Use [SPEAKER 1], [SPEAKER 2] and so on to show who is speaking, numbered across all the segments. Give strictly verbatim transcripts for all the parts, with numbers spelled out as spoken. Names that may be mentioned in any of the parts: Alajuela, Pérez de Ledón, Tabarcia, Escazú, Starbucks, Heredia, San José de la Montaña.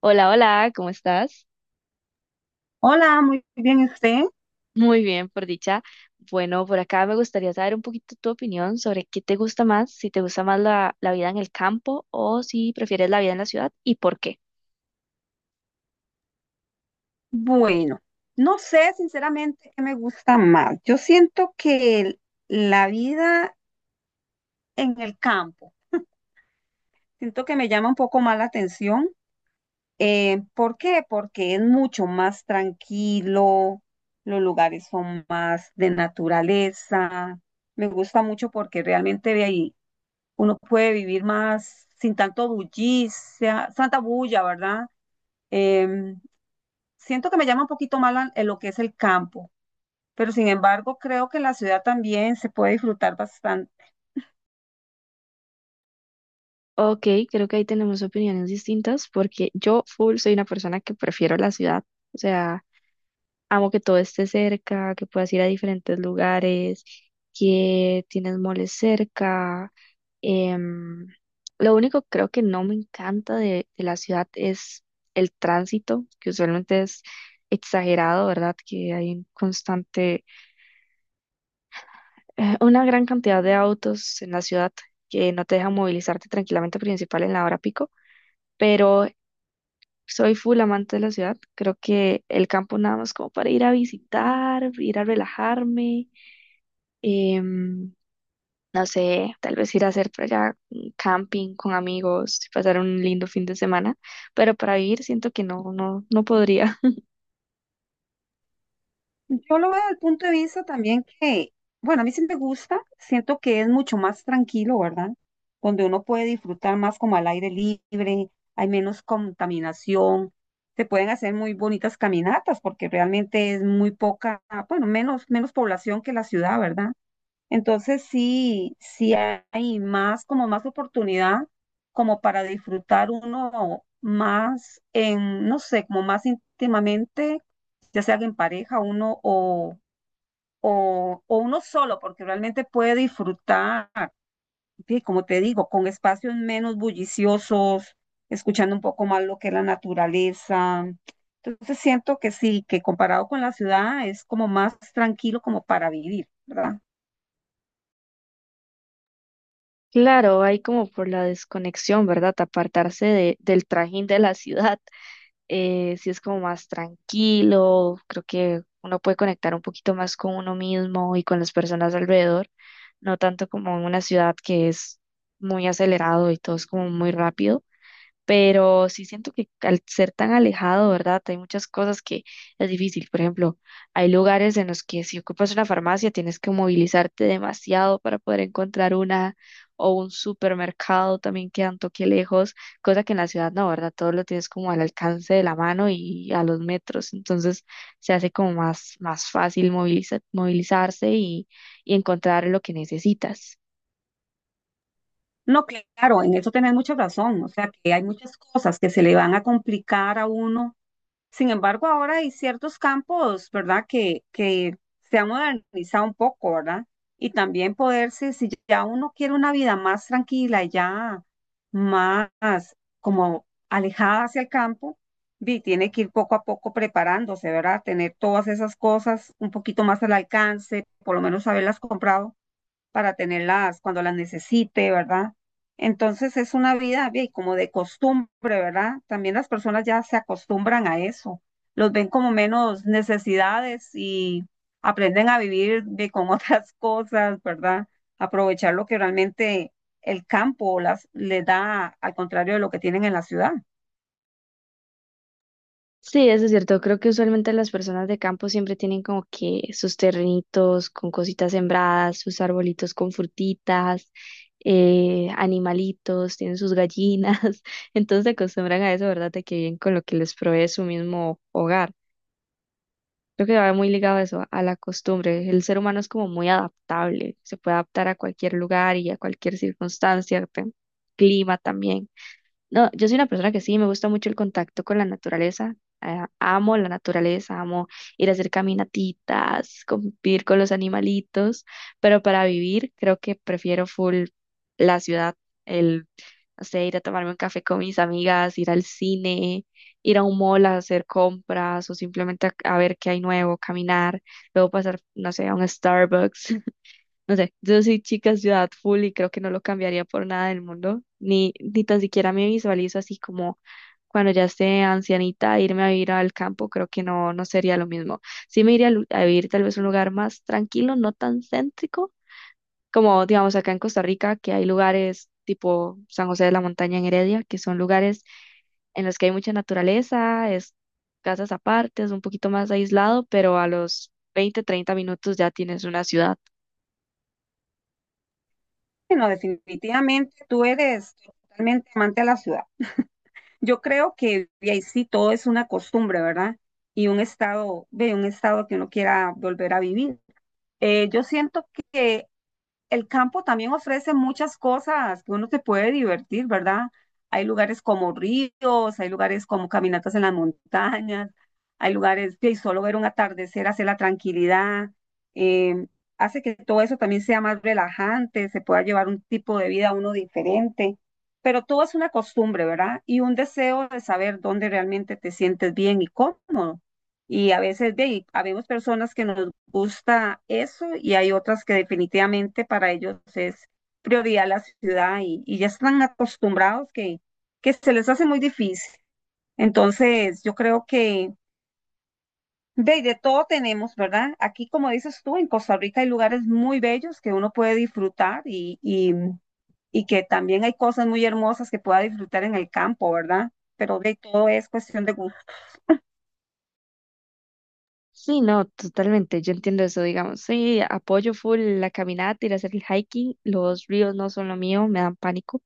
[SPEAKER 1] Hola, hola, ¿cómo estás?
[SPEAKER 2] Hola, muy bien, ¿y usted?
[SPEAKER 1] Muy bien, por dicha. Bueno, por acá me gustaría saber un poquito tu opinión sobre qué te gusta más, si te gusta más la, la vida en el campo o si prefieres la vida en la ciudad y por qué.
[SPEAKER 2] Bueno, no sé sinceramente qué me gusta más. Yo siento que el- la vida en el campo, siento que me llama un poco más la atención. Eh, ¿por qué? Porque es mucho más tranquilo, los lugares son más de naturaleza. Me gusta mucho porque realmente de ahí uno puede vivir más sin tanto bullicia, santa bulla, ¿verdad? Em, Siento que me llama un poquito más la- lo que es el campo, pero sin embargo creo que la ciudad también se puede disfrutar bastante.
[SPEAKER 1] Ok, creo que ahí tenemos opiniones distintas porque yo full soy una persona que prefiero la ciudad. O sea, amo que todo esté cerca, que puedas ir a diferentes lugares, que tienes moles cerca. Em, lo único que creo que no me encanta de, de la ciudad es el tránsito, que usualmente es exagerado, ¿verdad? Que hay un constante, eh, una gran cantidad de autos en la ciudad que no te dejan movilizarte tranquilamente, principal en la hora pico. Pero soy full amante de la ciudad. Creo que el campo nada más como para ir a visitar, ir a relajarme, em, no sé, tal vez ir a hacer por allá un camping con amigos, pasar un lindo fin de semana, pero para vivir siento que no, no, no podría.
[SPEAKER 2] Yo lo veo desde el punto de vista también que, bueno, a mí sí me gusta, siento que es mucho más tranquilo, ¿verdad? Donde uno puede disfrutar más como al aire libre, hay menos contaminación, se pueden hacer muy bonitas caminatas porque realmente es muy poca, bueno, menos, menos población que la ciudad, ¿verdad? Entonces sí, sí hay más, como más oportunidad, como para disfrutar uno más en, no sé, como más íntimamente, ya sea que en pareja uno o, o, o uno solo, porque realmente puede disfrutar, sí, como te digo, con espacios menos bulliciosos, escuchando un poco más lo que es la naturaleza. Entonces siento que sí, que comparado con la ciudad es como más tranquilo como para vivir, ¿verdad?
[SPEAKER 1] Claro, hay como por la desconexión, ¿verdad? Apartarse de, del trajín de la ciudad. eh, si es como más tranquilo, creo que uno puede conectar un poquito más con uno mismo y con las personas alrededor, no tanto como en una ciudad que es muy acelerado y todo es como muy rápido. Pero sí siento que al ser tan alejado, ¿verdad? Hay muchas cosas que es difícil. Por ejemplo, hay lugares en los que si ocupas una farmacia tienes que movilizarte demasiado para poder encontrar una o un supermercado también queda un toque lejos, cosa que en la ciudad no, ¿verdad? Todo lo tienes como al alcance de la mano y a los metros, entonces se hace como más, más fácil moviliza- movilizarse y, y encontrar lo que necesitas.
[SPEAKER 2] No, claro, en eso tenés mucha razón. O sea, que hay muchas cosas que se le van a complicar a uno. Sin embargo, ahora hay ciertos campos, ¿verdad? Que, que se han modernizado un poco, ¿verdad? Y también poderse, si si ya uno quiere una vida más tranquila, ya más como alejada hacia el campo, vi, tiene que ir poco a poco preparándose, ¿verdad? Tener todas esas cosas un poquito más al alcance, por lo menos haberlas comprado para tenerlas cuando las necesite, ¿verdad? Entonces es una vida bien, como de costumbre, ¿verdad? También las personas ya se acostumbran a eso, los ven como menos necesidades y aprenden a vivir bien, con otras cosas, ¿verdad? Aprovechar lo que realmente el campo las, les da, al contrario de lo que tienen en la ciudad.
[SPEAKER 1] Sí, eso es cierto. Creo que usualmente las personas de campo siempre tienen como que sus terrenitos con cositas sembradas, sus arbolitos con frutitas, eh, animalitos, tienen sus gallinas. Entonces se acostumbran a eso, ¿verdad? De que viven con lo que les provee su mismo hogar. Creo que va muy ligado a eso, a la costumbre. El ser humano es como muy adaptable, se puede adaptar a cualquier lugar y a cualquier circunstancia, tem- clima también. No, yo soy una persona que sí, me gusta mucho el contacto con la naturaleza. Ah, amo la naturaleza, amo ir a hacer caminatitas, convivir con los animalitos, pero para vivir creo que prefiero full la ciudad. el, no sé, ir a tomarme un café con mis amigas, ir al cine, ir a un mall a hacer compras o simplemente a, a ver qué hay nuevo, caminar, luego pasar, no sé, a un Starbucks. No sé, yo soy chica ciudad full y creo que no lo cambiaría por nada del mundo, ni, ni tan siquiera me visualizo así como cuando ya esté ancianita, irme a vivir al campo, creo que no, no sería lo mismo. Sí me iría a, lu- a vivir tal vez a un lugar más tranquilo, no tan céntrico, como digamos acá en Costa Rica, que hay lugares tipo San José de la Montaña en Heredia, que son lugares en los que hay mucha naturaleza, es casas aparte, es un poquito más aislado, pero a los veinte treinta minutos ya tienes una ciudad.
[SPEAKER 2] Bueno, definitivamente tú eres totalmente amante a la ciudad. Yo creo que y ahí sí todo es una costumbre, ¿verdad? Y un estado, de un estado que uno quiera volver a vivir. Eh, yo siento que el campo también ofrece muchas cosas que uno se puede divertir, ¿verdad? Hay lugares como ríos, hay lugares como caminatas en las montañas, hay lugares que solo ver un atardecer hace la tranquilidad, eh, hace que todo eso también sea más relajante, se pueda llevar un tipo de vida uno diferente, pero todo es una costumbre, ¿verdad? Y un deseo de saber dónde realmente te sientes bien y cómodo. Y a veces de, ahí, habemos personas que nos gusta eso y hay otras que definitivamente para ellos es prioridad la ciudad y, y ya están acostumbrados que, que se les hace muy difícil. Entonces, yo creo que de, de todo tenemos, ¿verdad? Aquí, como dices tú, en Costa Rica hay lugares muy bellos que uno puede disfrutar y, y, y que también hay cosas muy hermosas que pueda disfrutar en el campo, ¿verdad? Pero de todo es cuestión de gusto.
[SPEAKER 1] Sí, no, totalmente, yo entiendo eso, digamos, sí, apoyo full la caminata, ir a hacer el hiking. Los ríos no son lo mío, me dan pánico,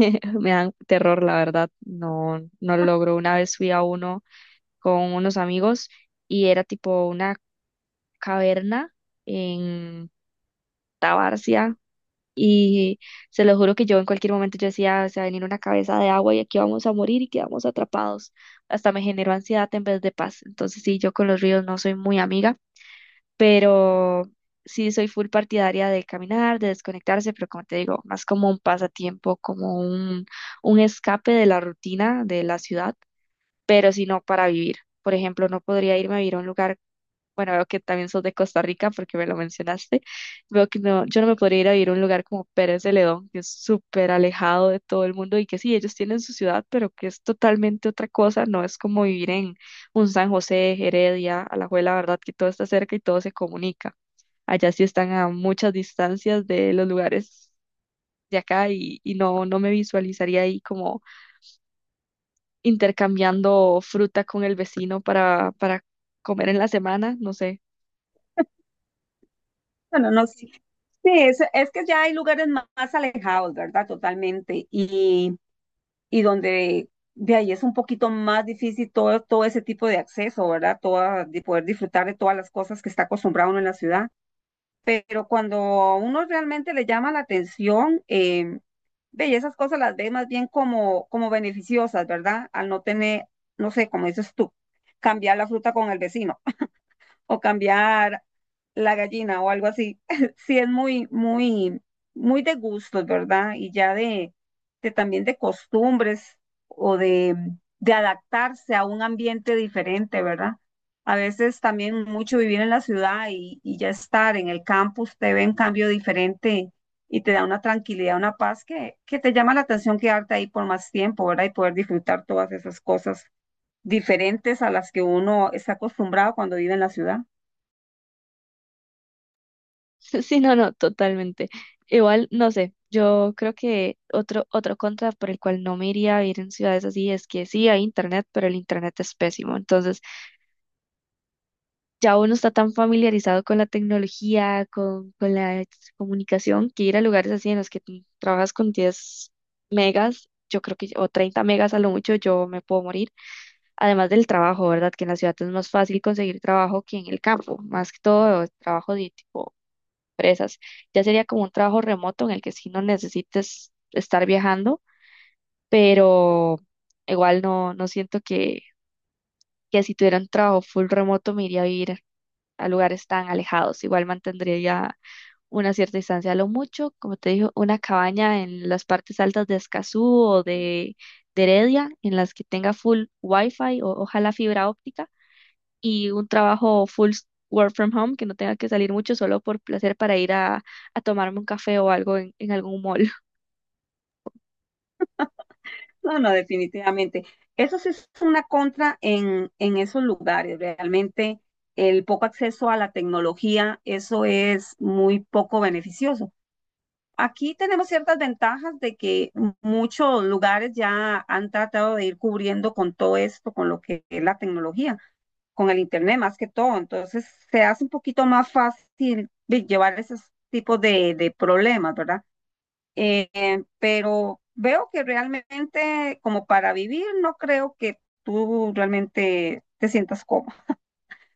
[SPEAKER 1] me dan terror, la verdad, no, no lo logro. Una vez fui a uno con unos amigos y era tipo una caverna en Tabarcia y se lo juro que yo en cualquier momento yo decía, se va a venir una cabeza de agua y aquí vamos a morir y quedamos atrapados, hasta me generó ansiedad en vez de paz. Entonces sí, yo con los ríos no soy muy amiga, pero sí soy full partidaria de caminar, de desconectarse, pero como te digo, más como un pasatiempo, como un, un escape de la rutina de la ciudad, pero si no para vivir. Por ejemplo, no podría irme a vivir a un lugar, bueno, veo que también sos de Costa Rica porque me lo mencionaste. Veo que no, yo no me podría ir a vivir a un lugar como Pérez de Ledón, que es súper alejado de todo el mundo y que sí, ellos tienen su ciudad, pero que es totalmente otra cosa. No es como vivir en un San José, Heredia, Alajuela, ¿verdad? Que todo está cerca y todo se comunica. Allá sí están a muchas distancias de los lugares de acá y, y no, no me visualizaría ahí como intercambiando fruta con el vecino para, para comer en la semana, no sé.
[SPEAKER 2] Bueno, no, sí. Sí, es, es que ya hay lugares ma- más, alejados, ¿verdad? Totalmente. Y, y donde de ahí es un poquito más difícil todo, todo ese tipo de acceso, ¿verdad? Toda, de poder disfrutar de todas las cosas que está acostumbrado uno en la ciudad. Pero cuando a uno realmente le llama la atención, eh, ve, y esas cosas las ve más bien como, como beneficiosas, ¿verdad? Al no tener, no sé, como dices tú, cambiar la fruta con el vecino o cambiar la gallina o algo así. Sí es muy, muy, muy de gustos, ¿verdad? Y ya de, de también de costumbres o de, de adaptarse a un ambiente diferente, ¿verdad? A veces también mucho vivir en la ciudad y, y ya estar en el campo, usted ve un cambio diferente y te da una tranquilidad, una paz que, que te llama la atención quedarte ahí por más tiempo, ¿verdad? Y poder disfrutar todas esas cosas diferentes a las que uno está acostumbrado cuando vive en la ciudad.
[SPEAKER 1] Sí, no, no, totalmente. Igual, no sé, yo creo que otro, otro contra por el cual no me iría a vivir en ciudades así es que sí hay internet, pero el internet es pésimo. Entonces, ya uno está tan familiarizado con la tecnología, con, con la comunicación, que ir a lugares así en los que tú trabajas con diez megas, yo creo que, o treinta megas a lo mucho, yo me puedo morir. Además del trabajo, ¿verdad? Que en la ciudad es más fácil conseguir trabajo que en el campo, más que todo trabajo de tipo empresas. Ya sería como un trabajo remoto en el que sí no necesites estar viajando, pero igual no, no siento que, que, si tuviera un trabajo full remoto me iría a vivir a lugares tan alejados. Igual mantendría ya una cierta distancia. A lo mucho, como te digo, una cabaña en las partes altas de Escazú o de, de Heredia, en las que tenga full wifi o ojalá fibra óptica y un trabajo full s- work from home, que no tenga que salir mucho solo por placer para ir a, a tomarme un café o algo en, en algún mall.
[SPEAKER 2] No, no, definitivamente. Eso sí es una contra en, en esos lugares. Realmente el poco acceso a la tecnología, eso es muy poco beneficioso. Aquí tenemos ciertas ventajas de que muchos lugares ya han tratado de ir cubriendo con todo esto, con lo que es la tecnología, con el Internet más que todo. Entonces se hace un poquito más fácil de llevar esos tipos de, de problemas, ¿verdad? Eh, eh, pero veo que realmente como para vivir no creo que tú realmente te sientas cómodo.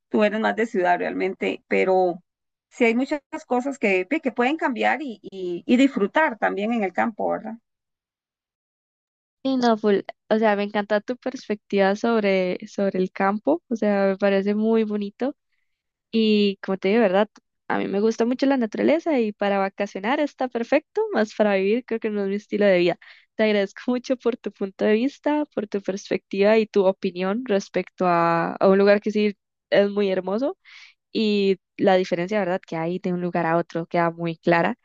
[SPEAKER 2] Tú eres más de ciudad realmente, pero sí hay muchas cosas que, que pueden cambiar y, y, y disfrutar también en el campo, ¿verdad?
[SPEAKER 1] Y no, full, o sea, me encanta tu perspectiva sobre, sobre el campo, o sea, me parece muy bonito. Y como te digo, ¿verdad? A mí me gusta mucho la naturaleza y para vacacionar está perfecto, más para vivir creo que no es mi estilo de vida. Te agradezco mucho por tu punto de vista, por tu perspectiva y tu opinión respecto a, a un lugar que sí es muy hermoso y la diferencia, ¿verdad?, que hay de un lugar a otro queda muy clara.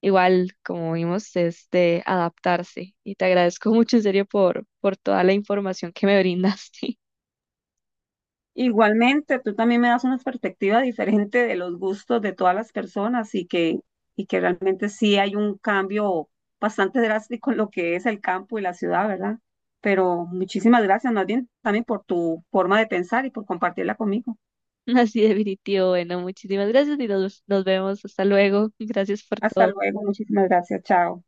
[SPEAKER 1] Igual, como vimos, es de adaptarse y te agradezco mucho en serio por, por toda la información que me brindaste.
[SPEAKER 2] Igualmente, tú también me das una perspectiva diferente de los gustos de todas las personas y que, y que realmente sí hay un cambio bastante drástico en lo que es el campo y la ciudad, ¿verdad? Pero muchísimas gracias, más bien también por tu forma de pensar y por compartirla conmigo.
[SPEAKER 1] Así definitivo. Bueno, muchísimas gracias y nos, nos vemos. Hasta luego. Gracias por
[SPEAKER 2] Hasta
[SPEAKER 1] todo.
[SPEAKER 2] luego, muchísimas gracias, chao.